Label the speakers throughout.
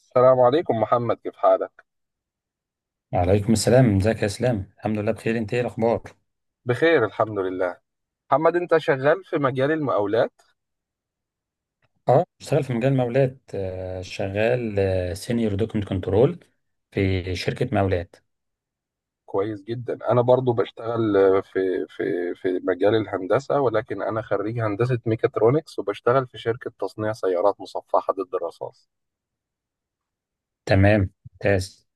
Speaker 1: السلام عليكم محمد، كيف حالك؟
Speaker 2: وعليكم السلام، ازيك يا اسلام؟ الحمد لله بخير. انت ايه الاخبار؟
Speaker 1: بخير الحمد لله. محمد، انت شغال في مجال المقاولات؟
Speaker 2: اه، بشتغل في مجال مولات. شغال سينيور دوكمنت كنترول في شركة مولات.
Speaker 1: كويس جدا. انا برضو بشتغل في مجال الهندسة، ولكن انا خريج هندسة ميكاترونكس وبشتغل في شركة تصنيع سيارات مصفحة ضد الرصاص.
Speaker 2: تمام ممتاز.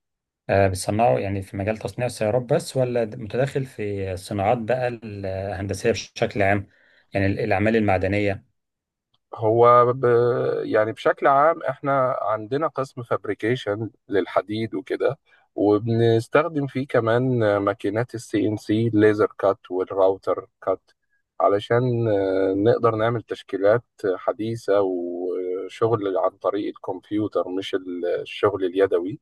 Speaker 2: بتصنعوا يعني في مجال تصنيع السيارات بس، ولا متداخل في الصناعات بقى الهندسية بشكل عام؟ يعني الأعمال المعدنية.
Speaker 1: هو ب... يعني بشكل عام احنا عندنا قسم فابريكيشن للحديد وكده، وبنستخدم فيه كمان ماكينات السي ان سي ليزر كات والراوتر كات علشان نقدر نعمل تشكيلات حديثة وشغل عن طريق الكمبيوتر، مش الشغل اليدوي.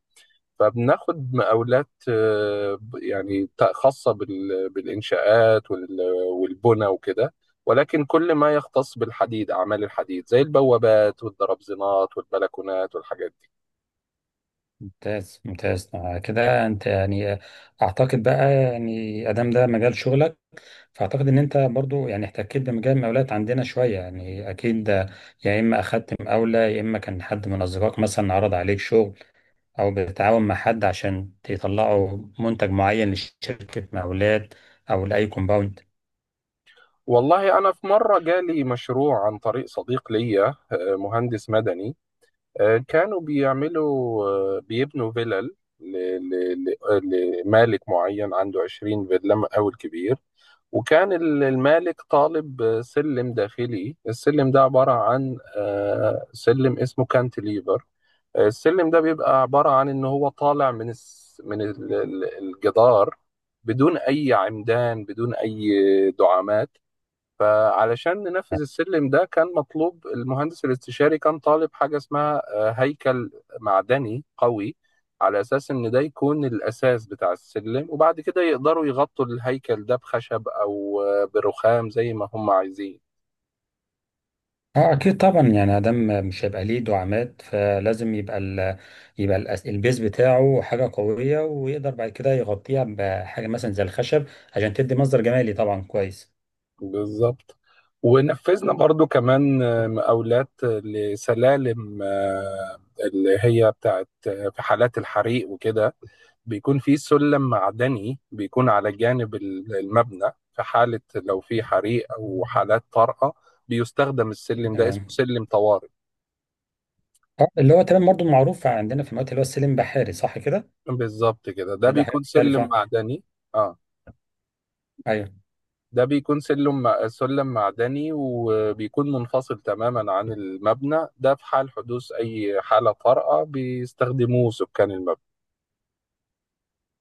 Speaker 1: فبناخد مقاولات بالإنشاءات والبنى وكده، ولكن كل ما يختص بالحديد أعمال الحديد زي البوابات والدرابزينات والبلكونات والحاجات دي.
Speaker 2: ممتاز ممتاز. كده انت يعني، اعتقد بقى، يعني ادام ده مجال شغلك، فاعتقد ان انت برضو يعني احتكيت بمجال المقاولات عندنا شويه، يعني اكيد. يا اما اخدت مقاوله، يا اما كان حد من اصدقائك مثلا عرض عليك شغل، او بتتعاون مع حد عشان تطلعوا منتج معين لشركه مقاولات، او لاي كومباوند.
Speaker 1: والله أنا في مرة جالي مشروع عن طريق صديق ليا مهندس مدني. آه، كانوا بيعملوا آه، بيبنوا فيلل لمالك معين عنده 20 فيلا، مقاول كبير. وكان المالك طالب سلم داخلي. السلم ده عبارة عن سلم اسمه كانتليفر. السلم ده بيبقى عبارة عن إن هو طالع من الجدار بدون أي عمدان، بدون أي دعامات. فعلشان ننفذ السلم ده كان مطلوب المهندس الاستشاري، كان طالب حاجة اسمها هيكل معدني قوي، على أساس إن ده يكون الأساس بتاع السلم، وبعد كده يقدروا يغطوا الهيكل ده بخشب أو برخام زي ما هم عايزين.
Speaker 2: اه اكيد طبعا، يعني ادم مش هيبقى ليه دعامات، فلازم يبقى ال، يبقى البيز بتاعه حاجه قويه، ويقدر بعد كده يغطيها بحاجه مثلا زي الخشب، عشان تدي مصدر جمالي طبعا. كويس.
Speaker 1: بالظبط. ونفذنا برضو كمان مقاولات لسلالم اللي هي بتاعت في حالات الحريق وكده. بيكون في سلم معدني بيكون على جانب المبنى في حالة لو في حريق أو حالات طارئة، بيستخدم السلم ده، اسمه
Speaker 2: تمام.
Speaker 1: سلم طوارئ.
Speaker 2: اه، اللي هو تمام برضو معروف عندنا في الوقت اللي هو السلم بحاري، صح كده؟
Speaker 1: بالظبط كده، ده
Speaker 2: ده حاجة
Speaker 1: بيكون سلم
Speaker 2: مختلفة.
Speaker 1: معدني. اه.
Speaker 2: ايوه.
Speaker 1: ده بيكون سلم معدني وبيكون منفصل تماما عن المبنى ده. في حال حدوث أي حالة طارئة بيستخدموه سكان المبنى.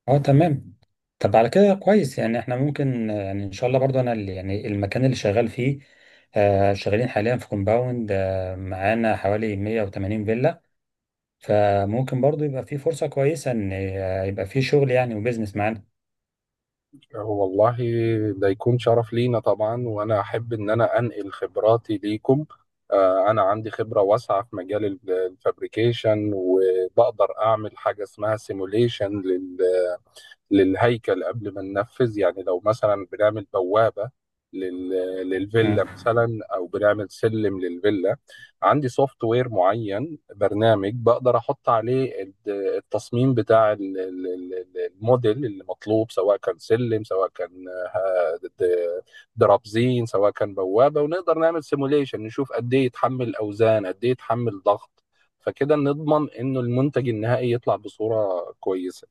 Speaker 2: اه تمام. طب على كده كويس، يعني احنا ممكن يعني ان شاء الله برضو، انا اللي يعني المكان اللي شغال فيه، آه شغالين حاليا في كومباوند آه معانا حوالي 180 فيلا، فممكن برضو يبقى فيه فرصة كويسة ان يبقى فيه شغل يعني وبزنس معانا.
Speaker 1: هو والله ده يكون شرف لينا طبعا، وأنا أحب إن أنا أنقل خبراتي ليكم. أنا عندي خبرة واسعة في مجال الفابريكيشن، وبقدر أعمل حاجة اسمها سيموليشن للهيكل قبل ما ننفذ. يعني لو مثلا بنعمل بوابة لل...
Speaker 2: مم.
Speaker 1: للفيلا مثلا، او بنعمل سلم للفيلا. عندي سوفت وير معين، برنامج بقدر احط عليه التصميم بتاع الموديل اللي مطلوب، سواء كان سلم، سواء كان آه، د- درابزين، سواء كان بوابة، ونقدر نعمل سيموليشن نشوف قد ايه يتحمل اوزان، قد ايه يتحمل ضغط، فكده نضمن انه المنتج النهائي يطلع بصورة كويسة.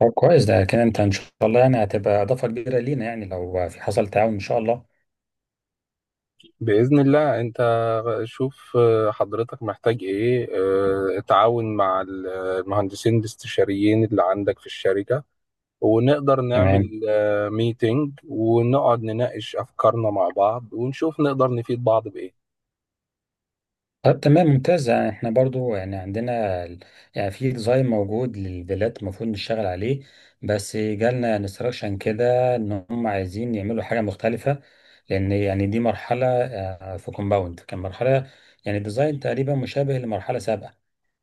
Speaker 2: طب كويس، ده كده انت ان شاء الله يعني هتبقى اضافة كبيرة لينا، يعني لو في حصل تعاون ان شاء الله.
Speaker 1: بإذن الله. أنت شوف حضرتك محتاج إيه. اتعاون مع المهندسين الاستشاريين اللي عندك في الشركة، ونقدر
Speaker 2: تمام.
Speaker 1: نعمل ميتينج ونقعد نناقش أفكارنا مع بعض ونشوف نقدر نفيد بعض بإيه.
Speaker 2: طب تمام ممتاز، يعني احنا برضو يعني عندنا يعني في ديزاين موجود للفيلات المفروض نشتغل عليه، بس جالنا انستراكشن كده ان هم عايزين يعملوا حاجة مختلفة، لان يعني دي مرحلة في كومباوند كان مرحلة يعني ديزاين تقريبا مشابه لمرحلة سابقة،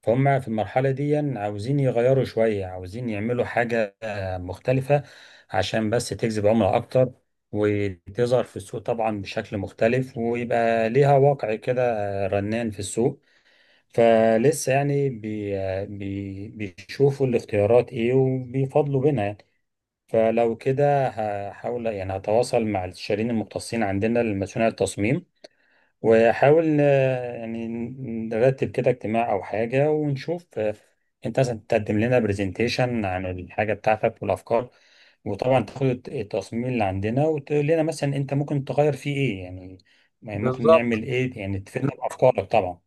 Speaker 2: فهم في المرحلة دي عاوزين يغيروا شوية، عاوزين يعملوا حاجة مختلفة، عشان بس تجذب عملاء اكتر، وتظهر في السوق طبعا بشكل مختلف، ويبقى ليها واقع كده رنان في السوق. فلسه يعني بي بي بيشوفوا الاختيارات ايه وبيفضلوا بينها يعني. فلو كده هحاول يعني هتواصل مع الاستشاريين المختصين عندنا لمسؤولين التصميم، وحاول يعني نرتب كده اجتماع او حاجة ونشوف، انت مثلا تقدم لنا برزنتيشن عن الحاجة بتاعتك والافكار، وطبعا تاخد التصميم اللي عندنا وتقول لنا مثلا انت ممكن تغير فيه ايه يعني، يعني ممكن
Speaker 1: بالظبط.
Speaker 2: نعمل ايه، يعني تفيدنا بافكارك طبعا.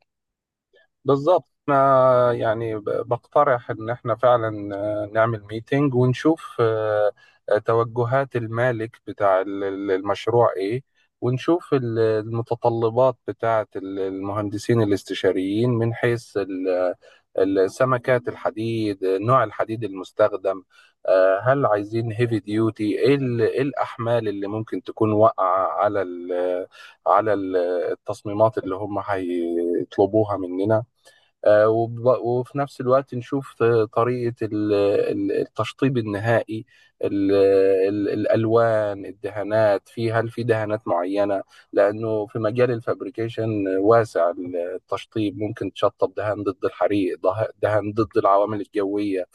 Speaker 1: بالظبط، انا يعني بقترح ان احنا فعلا نعمل ميتنج ونشوف توجهات المالك بتاع المشروع ايه، ونشوف المتطلبات بتاعه المهندسين الاستشاريين من حيث السمكات الحديد، نوع الحديد المستخدم. هل عايزين هيفي ديوتي؟ إيه الاحمال اللي ممكن تكون واقعه على على ال- التصميمات اللي هم هيطلبوها مننا. آه، وب- وفي نفس الوقت نشوف طريقة التشطيب النهائي، ال- الألوان الدهانات، هل في دهانات معينة؟ لأنه في مجال الفابريكيشن واسع. التشطيب ممكن تشطب دهان ضد الحريق، دهان ضد العوامل الجوية.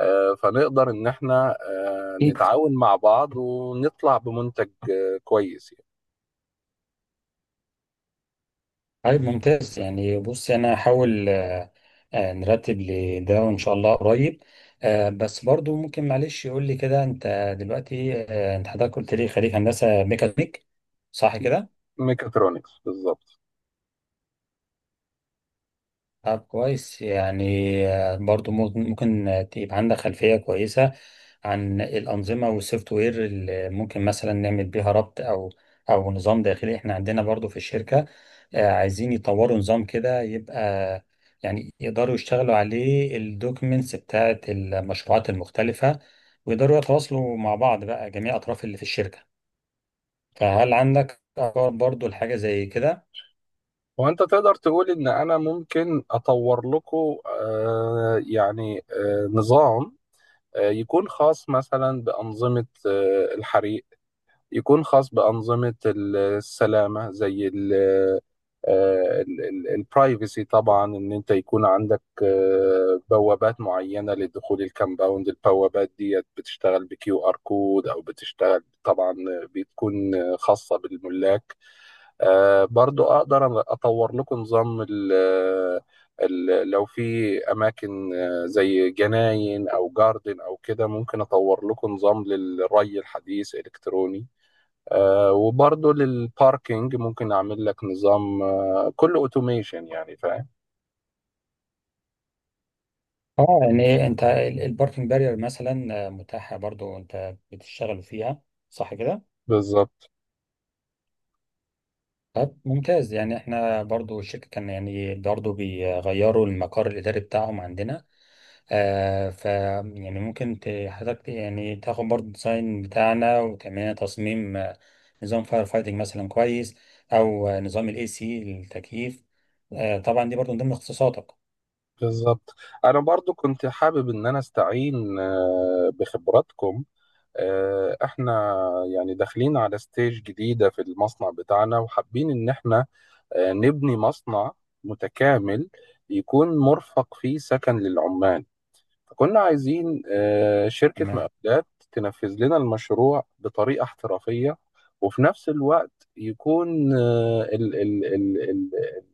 Speaker 1: فنقدر إن احنا
Speaker 2: أكيد.
Speaker 1: نتعاون مع بعض ونطلع بمنتج كويس يعني.
Speaker 2: طيب ممتاز، يعني بصي انا هحاول نرتب لده وان شاء الله قريب. بس برضو ممكن معلش يقول لي كده، انت دلوقتي انت حضرتك قلت لي خريج هندسه ميكانيك، صح كده؟
Speaker 1: ميكاترونكس بالظبط.
Speaker 2: طب كويس يعني، برضو ممكن يبقى عندك خلفية كويسة عن الأنظمة والسوفت وير اللي ممكن مثلا نعمل بيها ربط، أو أو نظام داخلي. إحنا عندنا برضو في الشركة عايزين يطوروا نظام كده يبقى يعني يقدروا يشتغلوا عليه الدوكيمنتس بتاعة المشروعات المختلفة، ويقدروا يتواصلوا مع بعض بقى جميع أطراف اللي في الشركة. فهل عندك أفكار برضو لحاجة زي كده؟
Speaker 1: وانت تقدر تقول ان انا ممكن اطور لكم يعني نظام يكون خاص مثلا بانظمه الحريق، يكون خاص بانظمه السلامه زي البرايفسي. طبعا ان انت يكون عندك بوابات معينه لدخول الكامباوند، البوابات ديت بتشتغل بكيو ار كود او بتشتغل طبعا، بتكون خاصه بالملاك. برضو اقدر اطور لكم نظام لو في اماكن زي جناين او جاردن او كده، ممكن اطور لكم نظام للري الحديث الكتروني. وبرضو للباركينج ممكن اعمل لك نظام كله اوتوميشن، يعني فاهم.
Speaker 2: اه يعني انت الباركنج بارير مثلا متاحه، برضو انت بتشتغلوا فيها، صح كده؟
Speaker 1: بالظبط.
Speaker 2: طب ممتاز، يعني احنا برضو الشركه كان يعني برضو بيغيروا المقر الاداري بتاعهم عندنا، آه ف يعني ممكن حضرتك يعني تاخد برضو الديزاين بتاعنا، وكمان تصميم نظام فاير فايتنج مثلا كويس، او نظام الاي سي التكييف. آه طبعا دي برضو من ضمن اختصاصاتك.
Speaker 1: بالظبط، انا برضو كنت حابب ان انا استعين بخبراتكم. احنا يعني داخلين على ستيج جديدة في المصنع بتاعنا، وحابين ان احنا نبني مصنع متكامل يكون مرفق فيه سكن للعمال. فكنا عايزين شركة مقاولات تنفذ لنا المشروع بطريقة احترافية، وفي نفس الوقت يكون آه، ال ال ال ال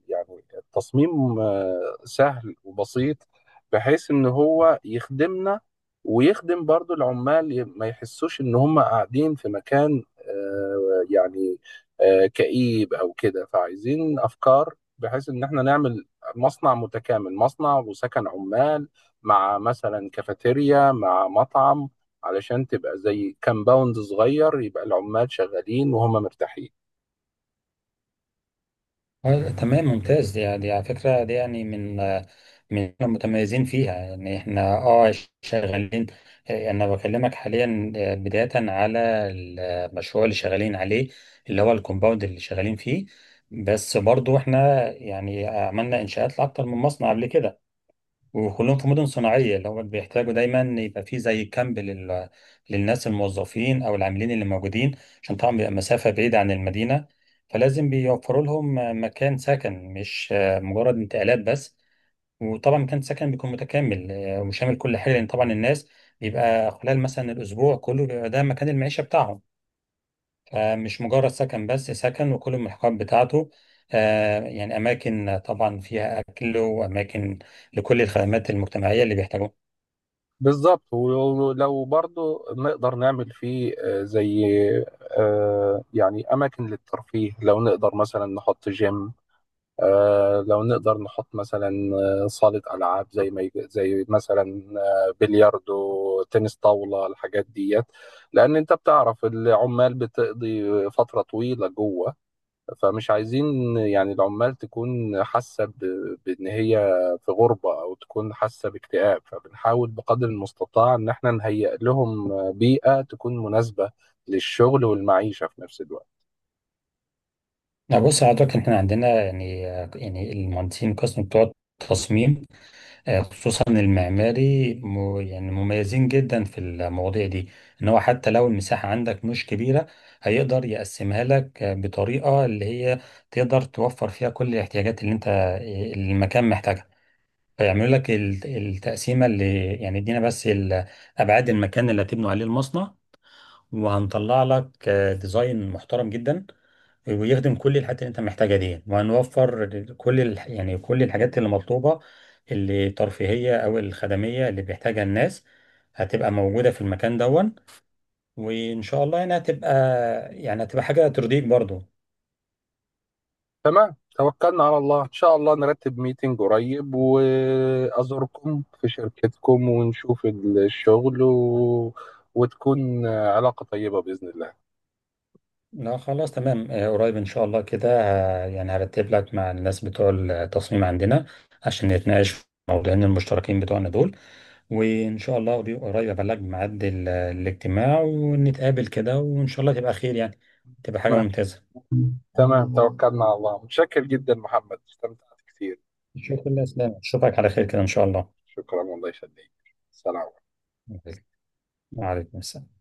Speaker 1: يعني التصميم سهل وبسيط بحيث إن هو يخدمنا ويخدم برضو العمال، ما يحسوش إن هم قاعدين في مكان يعني كئيب أو كده. فعايزين أفكار بحيث إن احنا نعمل مصنع متكامل، مصنع وسكن عمال، مع مثلا كافيتيريا مع مطعم، علشان تبقى زي كامباوند صغير، يبقى العمال شغالين وهم مرتاحين.
Speaker 2: تمام ممتاز، دي على فكرة دي يعني من من إحنا متميزين فيها، يعني احنا اه شغالين. انا بكلمك حاليا بداية على المشروع اللي شغالين عليه، اللي هو الكومباوند اللي شغالين فيه، بس برضو احنا يعني عملنا انشاءات لأكتر من مصنع قبل كده، وكلهم في مدن صناعية، اللي هم بيحتاجوا دايما يبقى في زي كامب للناس الموظفين أو العاملين اللي موجودين، عشان طبعا بيبقى مسافة بعيدة عن المدينة، فلازم بيوفروا لهم مكان سكن، مش مجرد انتقالات بس. وطبعا مكان سكن بيكون متكامل وشامل كل حاجة، لأن طبعا الناس بيبقى خلال مثلا الأسبوع كله بيبقى ده مكان المعيشة بتاعهم، فمش مجرد سكن بس، سكن وكل الملحقات بتاعته، يعني أماكن طبعا فيها أكل، وأماكن لكل الخدمات المجتمعية اللي بيحتاجوها.
Speaker 1: بالظبط، ولو برضو نقدر نعمل فيه زي يعني أماكن للترفيه. لو نقدر مثلا نحط جيم، لو نقدر نحط مثلا صالة ألعاب زي ما يج- زي مثلا بلياردو، تنس طاولة، الحاجات ديت. لأن أنت بتعرف العمال بتقضي فترة طويلة جوه، فمش عايزين يعني العمال تكون حاسة بإن هي في غربة أو تكون حاسة باكتئاب. فبنحاول بقدر المستطاع إن احنا نهيئ لهم بيئة تكون مناسبة للشغل والمعيشة في نفس الوقت.
Speaker 2: لا بص حضرتك، احنا عندنا يعني، يعني المهندسين القسم بتوع التصميم، خصوصا المعماري يعني مميزين جدا في المواضيع دي، ان هو حتى لو المساحة عندك مش كبيرة، هيقدر يقسمها لك بطريقة اللي هي تقدر توفر فيها كل الاحتياجات اللي انت، اللي المكان محتاجها. فيعملوا لك التقسيمة، اللي يعني ادينا بس ابعاد المكان اللي هتبنوا عليه المصنع، وهنطلع لك ديزاين محترم جدا ويخدم كل الحاجات اللي انت محتاجها دي، وهنوفر كل يعني كل الحاجات اللي مطلوبة، اللي ترفيهية او الخدمية اللي بيحتاجها الناس، هتبقى موجودة في المكان دون. وان شاء الله يعني هتبقى، يعني هتبقى حاجة ترضيك برضو.
Speaker 1: تمام، توكلنا على الله. إن شاء الله نرتب ميتنج قريب وأزوركم في شركتكم ونشوف الشغل وتكون علاقة طيبة بإذن الله.
Speaker 2: لا خلاص تمام. قريب ان شاء الله كده يعني هرتب لك مع الناس بتوع التصميم عندنا، عشان نتناقش في موضوعين المشتركين بتوعنا دول، وإن شاء الله قريب قريب أبلغ ميعاد الاجتماع، ونتقابل كده، وإن شاء الله تبقى خير، يعني تبقى حاجة
Speaker 1: تمام
Speaker 2: ممتازة.
Speaker 1: تمام، توكلنا على الله. متشكر جدا محمد، استمتعت كثير.
Speaker 2: شكرا لله يا اسلام، أشوفك على خير كده إن شاء الله.
Speaker 1: شكرا، والله يخليك. سلام.
Speaker 2: وعليكم السلام.